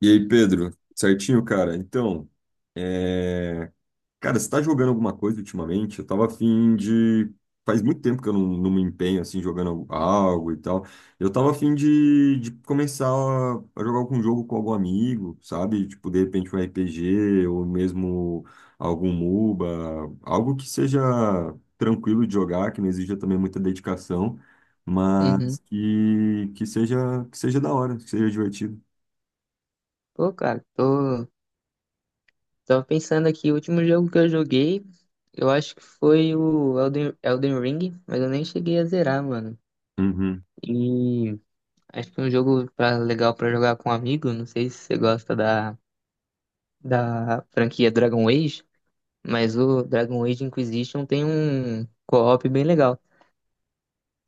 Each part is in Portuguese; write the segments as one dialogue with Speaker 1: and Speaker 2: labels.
Speaker 1: E aí, Pedro? Certinho, cara? Então, é, cara, você tá jogando alguma coisa ultimamente? Eu tava afim de. Faz muito tempo que eu não me empenho assim, jogando algo e tal. Eu tava afim de começar a jogar algum jogo com algum amigo, sabe? Tipo, de repente um RPG ou mesmo algum MOBA, algo que seja tranquilo de jogar, que não exija também muita dedicação,
Speaker 2: Uhum.
Speaker 1: mas que seja da hora, que seja divertido.
Speaker 2: Pô, cara, tô... Tava pensando aqui, o último jogo que eu joguei, eu acho que foi o Elden Ring, mas eu nem cheguei a zerar, mano.
Speaker 1: Uhum.
Speaker 2: E acho que é um jogo pra, legal pra jogar com um amigo, não sei se você gosta da franquia Dragon Age, mas o Dragon Age Inquisition tem um co-op bem legal.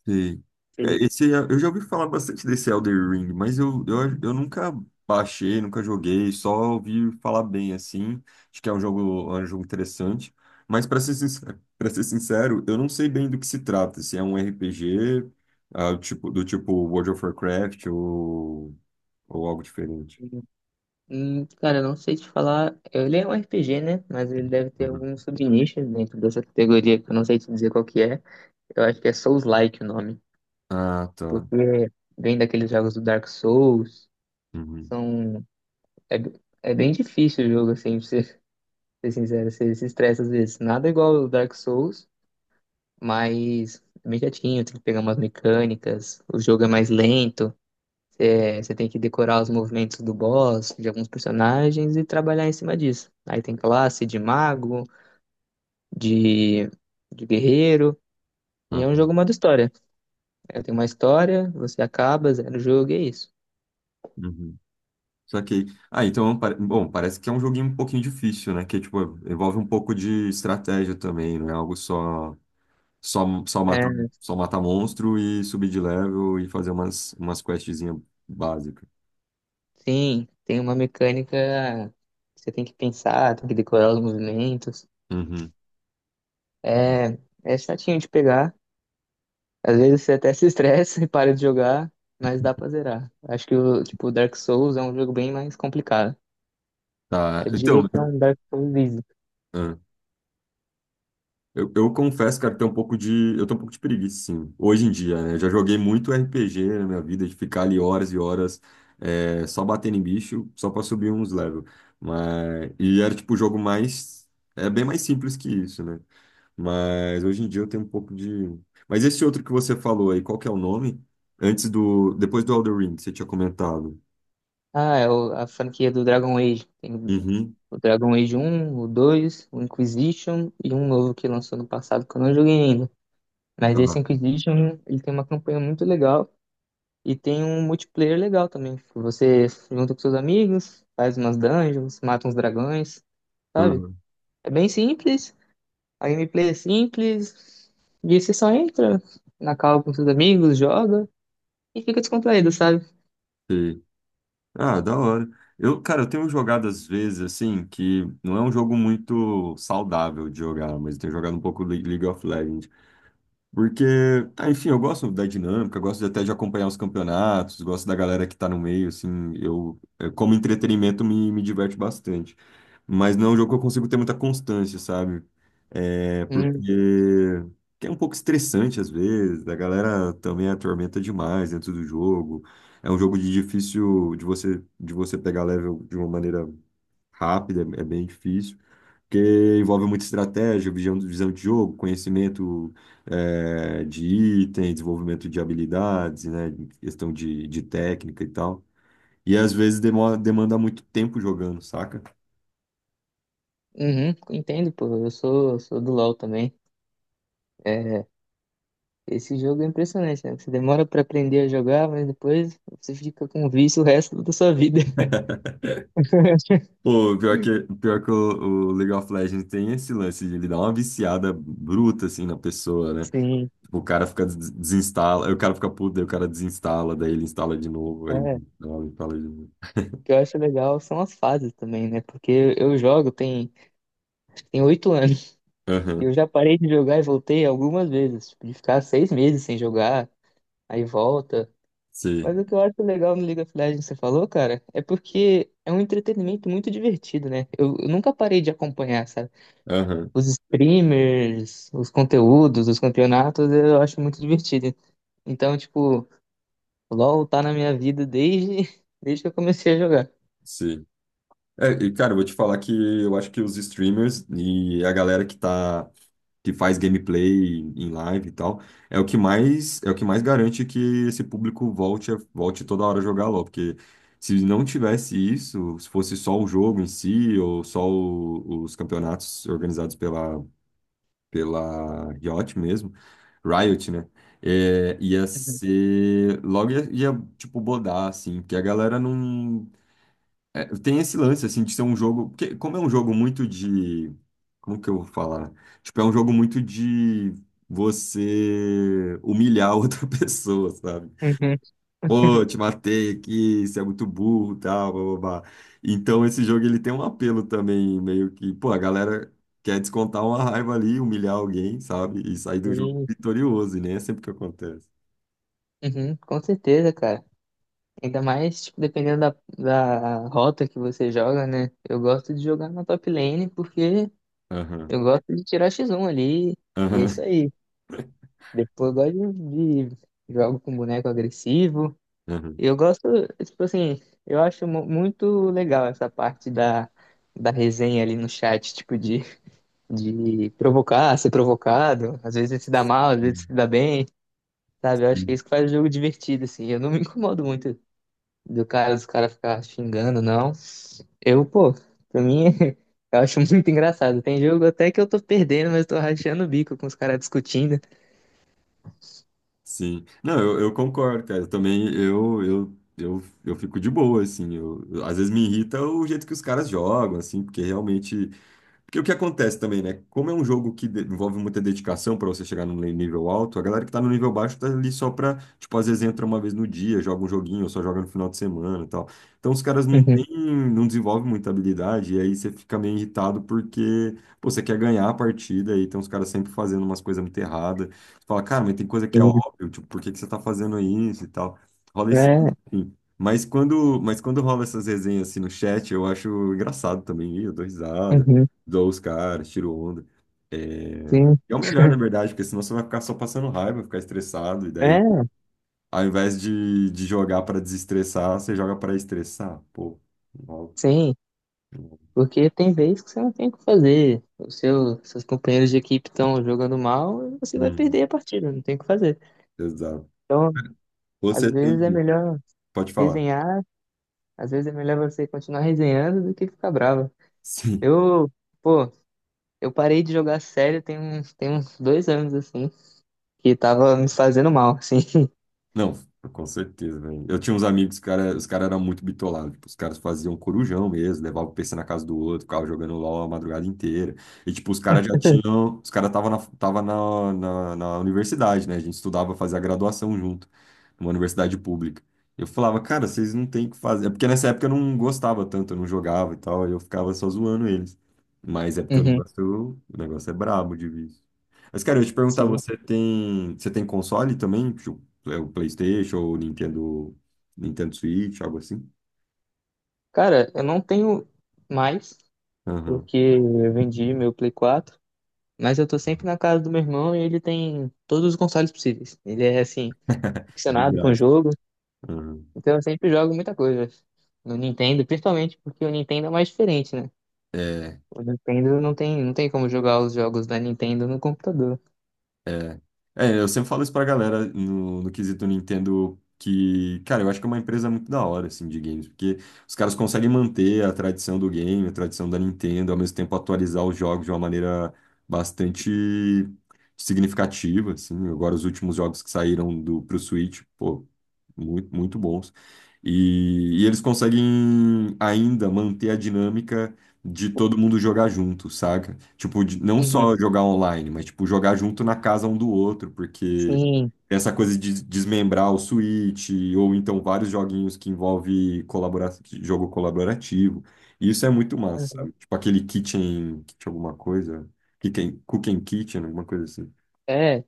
Speaker 1: Sim. É,
Speaker 2: Sim.
Speaker 1: esse, eu já ouvi falar bastante desse Elder Ring, mas eu nunca baixei, nunca joguei, só ouvi falar bem assim. Acho que é um jogo interessante. Mas para ser sincero, eu não sei bem do que se trata. Se é um RPG, ah, tipo, do tipo World of Warcraft ou algo diferente.
Speaker 2: Cara, eu não sei te falar. Ele é um RPG, né? Mas ele deve ter
Speaker 1: Uhum.
Speaker 2: algum subnicho dentro dessa categoria que eu não sei te dizer qual que é. Eu acho que é Souls-like o nome,
Speaker 1: Ah, tá.
Speaker 2: porque vem daqueles jogos do Dark Souls,
Speaker 1: Uhum.
Speaker 2: são é, é bem difícil o jogo assim, pra ser, ser sincero, você se estressa às vezes. Nada igual ao Dark Souls, mas é bem chatinho, tem que pegar umas mecânicas, o jogo é mais lento, você tem que decorar os movimentos do boss, de alguns personagens e trabalhar em cima disso. Aí tem classe de mago, de, de guerreiro, e
Speaker 1: Ah,
Speaker 2: é um jogo modo história. É, tem uma história, você acaba, zera o jogo e é isso.
Speaker 1: uhum. Saquei. Ah, então, bom, parece que é um joguinho um pouquinho difícil, né? Que, tipo, envolve um pouco de estratégia também, não é algo só, só matar,
Speaker 2: É,
Speaker 1: só matar monstro e subir de level e fazer umas questzinhas básicas.
Speaker 2: sim, tem uma mecânica que você tem que pensar, tem que decorar os movimentos.
Speaker 1: Uhum.
Speaker 2: É, é chatinho de pegar. Às vezes você até se estressa e para de jogar, mas dá pra zerar. Acho que o tipo Dark Souls é um jogo bem mais complicado.
Speaker 1: Tá,
Speaker 2: Eu
Speaker 1: então...
Speaker 2: diria que é um Dark Souls easy.
Speaker 1: Eu confesso, cara, que tem um pouco de, eu tenho um pouco de preguiça, sim. Hoje em dia, né? Eu já joguei muito RPG na minha vida, de ficar ali horas e horas só batendo em bicho, só pra subir uns level. Mas, e era tipo o jogo é bem mais simples que isso, né? Mas hoje em dia eu tenho um pouco de... Mas esse outro que você falou aí, qual que é o nome? Depois do Elden Ring, que você tinha comentado.
Speaker 2: Ah, é o- a franquia do Dragon Age. Tem
Speaker 1: Uhum,
Speaker 2: o Dragon Age um, o dois, o Inquisition e um novo que lançou no passado que eu não joguei ainda. Mas esse
Speaker 1: tá.
Speaker 2: Inquisition, ele tem uma campanha muito legal. E tem um multiplayer legal também. Que Você junta com seus amigos, faz umas dungeons, mata uns dragões, sabe?
Speaker 1: Uhum.
Speaker 2: É bem simples, a gameplay é simples, e você só entra na call com seus amigos, joga e fica descontraído, sabe?
Speaker 1: Ah, da hora. Cara, eu tenho jogado às vezes, assim, que não é um jogo muito saudável de jogar, mas eu tenho jogado um pouco League of Legends. Porque, ah, enfim, eu gosto da dinâmica, até de acompanhar os campeonatos, gosto da galera que tá no meio, assim, como entretenimento, me diverte bastante. Mas não é um jogo que eu consigo ter muita constância, sabe? É porque
Speaker 2: Hum,
Speaker 1: que é um pouco estressante às vezes, a galera também atormenta demais dentro do jogo. É um jogo de difícil de você pegar level de uma maneira rápida, é bem difícil, porque envolve muita estratégia, visão de jogo, conhecimento de item, desenvolvimento de habilidades, né? Questão de técnica e tal. E às vezes demora, demanda muito tempo jogando, saca?
Speaker 2: uhum, entendo, pô. Eu sou do LoL também. É, esse jogo é impressionante, né? Você demora pra aprender a jogar, mas depois você fica com um vício o resto da sua vida.
Speaker 1: Pô, pior que o League of Legends tem esse lance de ele dar uma viciada bruta, assim, na pessoa, né?
Speaker 2: Sim,
Speaker 1: Tipo, o cara fica, desinstala, aí o cara fica puto, daí o cara desinstala, daí ele instala de novo, aí ele
Speaker 2: é.
Speaker 1: instala, de novo.
Speaker 2: O que eu acho legal são as fases também, né? Porque eu jogo tem tem 8 anos. E
Speaker 1: Aham,
Speaker 2: eu já parei de jogar e voltei algumas vezes. Tipo, de ficar 6 meses sem jogar, aí volta.
Speaker 1: sim,
Speaker 2: Mas o que eu acho legal no League of Legends que você falou, cara, é porque é um entretenimento muito divertido, né? Eu nunca parei de acompanhar, sabe?
Speaker 1: aham,
Speaker 2: Os streamers, os conteúdos, os campeonatos, eu acho muito divertido. Então, tipo, LoL tá na minha vida desde, desde que eu comecei a jogar.
Speaker 1: sim. É, e, cara, eu vou te falar que eu acho que os streamers e a galera que faz gameplay em live e tal, é o que mais garante que esse público volte toda hora a jogar LoL, porque se não tivesse isso, se fosse só o jogo em si ou só o- os campeonatos organizados pela Riot mesmo, Riot, né? É, ia ser, logo ia, tipo, bodar, assim, porque a galera não, tem esse lance, assim, de ser um jogo. Porque, como é um jogo muito de. Como que eu vou falar? Né? Tipo, é um jogo muito de você humilhar outra pessoa, sabe?
Speaker 2: Uhum.
Speaker 1: Pô, te matei aqui, você é muito burro, tal, blá, blá, blá. Então, esse jogo ele tem um apelo também, meio que. Pô, a galera quer descontar uma raiva ali, humilhar alguém, sabe? E sair do jogo
Speaker 2: Sim,
Speaker 1: vitorioso, e nem é sempre que acontece.
Speaker 2: uhum, com certeza, cara. Ainda mais, tipo, dependendo da rota que você joga, né? Eu gosto de jogar na top lane porque eu
Speaker 1: Aham,
Speaker 2: gosto de tirar X1 ali e é isso
Speaker 1: aham,
Speaker 2: aí. Depois eu gosto de jogo com boneco agressivo.
Speaker 1: aham.
Speaker 2: Eu gosto, tipo assim, eu acho muito legal essa parte da resenha ali no chat, tipo, de provocar, ser provocado. Às vezes se dá mal, às vezes se dá bem, sabe? Eu acho que é isso que faz o jogo divertido, assim. Eu não me incomodo muito do cara, dos caras ficar xingando, não. Eu, pô, pra mim, eu acho muito engraçado. Tem jogo até que eu tô perdendo, mas tô rachando o bico com os caras discutindo.
Speaker 1: Sim. Não, eu concordo, cara. Eu também, eu fico de boa, assim. Às vezes me irrita o jeito que os caras jogam, assim, porque realmente porque o que acontece também, né? Como é um jogo que envolve muita dedicação para você chegar no nível alto, a galera que tá no nível baixo tá ali só pra, tipo, às vezes entra uma vez no dia, joga um joguinho, ou só joga no final de semana e tal. Então os caras não
Speaker 2: Uhum,
Speaker 1: têm, não desenvolvem muita habilidade, e aí você fica meio irritado porque, pô, você quer ganhar a partida, e tem uns caras sempre fazendo umas coisas muito erradas. Você fala, cara, mas tem coisa que é óbvio, tipo, por que que você tá fazendo isso e tal? Rola esse.
Speaker 2: uhum. É,
Speaker 1: Enfim. Mas quando rola essas resenhas assim no chat, eu acho engraçado também, ih, eu dou risada
Speaker 2: uhum,
Speaker 1: zoa os caras, tiro onda.
Speaker 2: sim.
Speaker 1: É o melhor, na verdade, porque senão você vai ficar só passando raiva, ficar estressado, e daí,
Speaker 2: É,
Speaker 1: ao invés de jogar para desestressar, você joga para estressar. Pô, não rola,
Speaker 2: sim,
Speaker 1: não rola.
Speaker 2: porque tem vezes que você não tem o que fazer. Seus companheiros de equipe estão jogando mal, você vai
Speaker 1: Uhum,
Speaker 2: perder a partida, não tem o que fazer.
Speaker 1: exato.
Speaker 2: Então, às
Speaker 1: Você tem.
Speaker 2: vezes é melhor
Speaker 1: Pode falar.
Speaker 2: resenhar, às vezes é melhor você continuar resenhando do que ficar bravo.
Speaker 1: Sim.
Speaker 2: Eu, pô, eu parei de jogar sério tem uns 2 anos, assim, que tava me fazendo mal, assim.
Speaker 1: Não, com certeza, velho. Eu tinha uns amigos, cara, os caras eram muito bitolados. Tipo, os caras faziam corujão mesmo, levavam o PC na casa do outro, ficavam jogando LOL a madrugada inteira. E, tipo, os caras já tinham. Os caras tava na universidade, né? A gente estudava, fazia graduação junto, numa universidade pública. Eu falava, cara, vocês não têm o que fazer. É porque nessa época eu não gostava tanto, eu não jogava e tal, aí eu ficava só zoando eles. Mas é porque
Speaker 2: Uhum,
Speaker 1: o negócio é brabo de vício. Mas, cara, eu ia te perguntar,
Speaker 2: sim.
Speaker 1: você tem console também? Tipo, é o PlayStation ou o Nintendo Switch, algo assim?
Speaker 2: Cara, eu não tenho mais,
Speaker 1: Aham.
Speaker 2: porque eu vendi meu Play 4, mas eu tô sempre na casa do meu irmão e ele tem todos os consoles possíveis. Ele é, assim, ficcionado com o
Speaker 1: Vibrado.
Speaker 2: jogo,
Speaker 1: Aham.
Speaker 2: então eu sempre jogo muita coisa no Nintendo, principalmente porque o Nintendo é mais diferente, né?
Speaker 1: É.
Speaker 2: O Nintendo não tem, não tem como jogar os jogos da Nintendo no computador.
Speaker 1: É. É, eu sempre falo isso pra galera no quesito Nintendo, que, cara, eu acho que é uma empresa muito da hora, assim, de games, porque os caras conseguem manter a tradição do game, a tradição da Nintendo, ao mesmo tempo atualizar os jogos de uma maneira bastante significativa, assim. Agora, os últimos jogos que saíram pro Switch, pô, muito, muito bons. E eles conseguem ainda manter a dinâmica de todo mundo jogar junto, saca? Tipo, não
Speaker 2: Uhum,
Speaker 1: só jogar online, mas tipo jogar junto na casa um do outro, porque
Speaker 2: sim.
Speaker 1: essa coisa de desmembrar o Switch ou então vários joguinhos que envolve colabora jogo colaborativo. E isso é muito massa, sabe? Tipo aquele Kitchen, Kitchen alguma coisa, Kitchen, Cooking Kitchen, alguma coisa assim.
Speaker 2: É,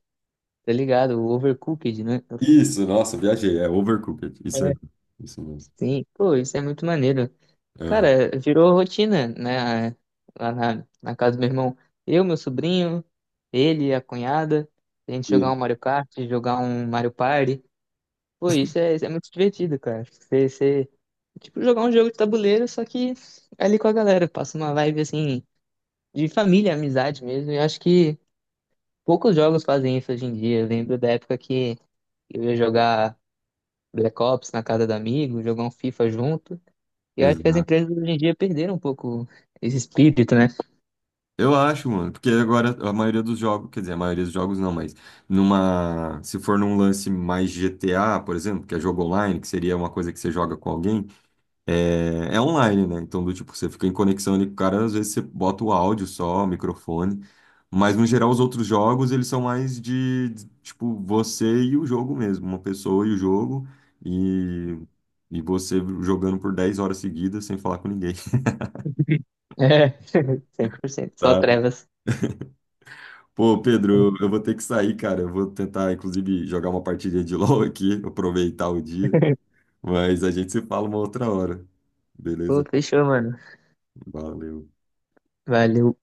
Speaker 2: tá ligado? O Overcooked, né?
Speaker 1: Isso, nossa, viajei, é Overcooked. Isso aí,
Speaker 2: É,
Speaker 1: isso mesmo.
Speaker 2: sim, pô, isso é muito maneiro.
Speaker 1: Aham.
Speaker 2: Cara, virou rotina, né? Lá na, na casa do meu irmão. Eu, meu sobrinho, ele, a cunhada, a gente jogar
Speaker 1: E-
Speaker 2: um Mario Kart, jogar um Mario Party. Pô, isso é muito divertido, cara. Você, você- tipo, jogar um jogo de tabuleiro, só que ali com a galera. Passa uma vibe, assim, de família, amizade mesmo. E eu acho que poucos jogos fazem isso hoje em dia. Eu lembro da época que eu ia jogar Black Ops na casa do amigo, jogar um FIFA junto. E eu acho que as
Speaker 1: Exato.
Speaker 2: empresas hoje em dia perderam um pouco esse espírito, né?
Speaker 1: Eu acho, mano, porque agora a maioria dos jogos, quer dizer, a maioria dos jogos não, mas se for num lance mais GTA, por exemplo, que é jogo online, que seria uma coisa que você joga com alguém, é online, né? Então, do tipo, você fica em conexão ali com o cara, às vezes você bota o áudio só, o microfone, mas no geral os outros jogos, eles são mais de, tipo, você e o jogo mesmo, uma pessoa e o jogo, e, e você jogando por 10 horas seguidas sem falar com ninguém.
Speaker 2: É, 100%. Só trevas.
Speaker 1: Pô, Pedro, eu vou ter que sair, cara. Eu vou tentar, inclusive, jogar uma partida de LoL aqui, aproveitar o dia. Mas a gente se fala uma outra hora.
Speaker 2: Pô,
Speaker 1: Beleza?
Speaker 2: fechou, mano.
Speaker 1: Valeu.
Speaker 2: Valeu.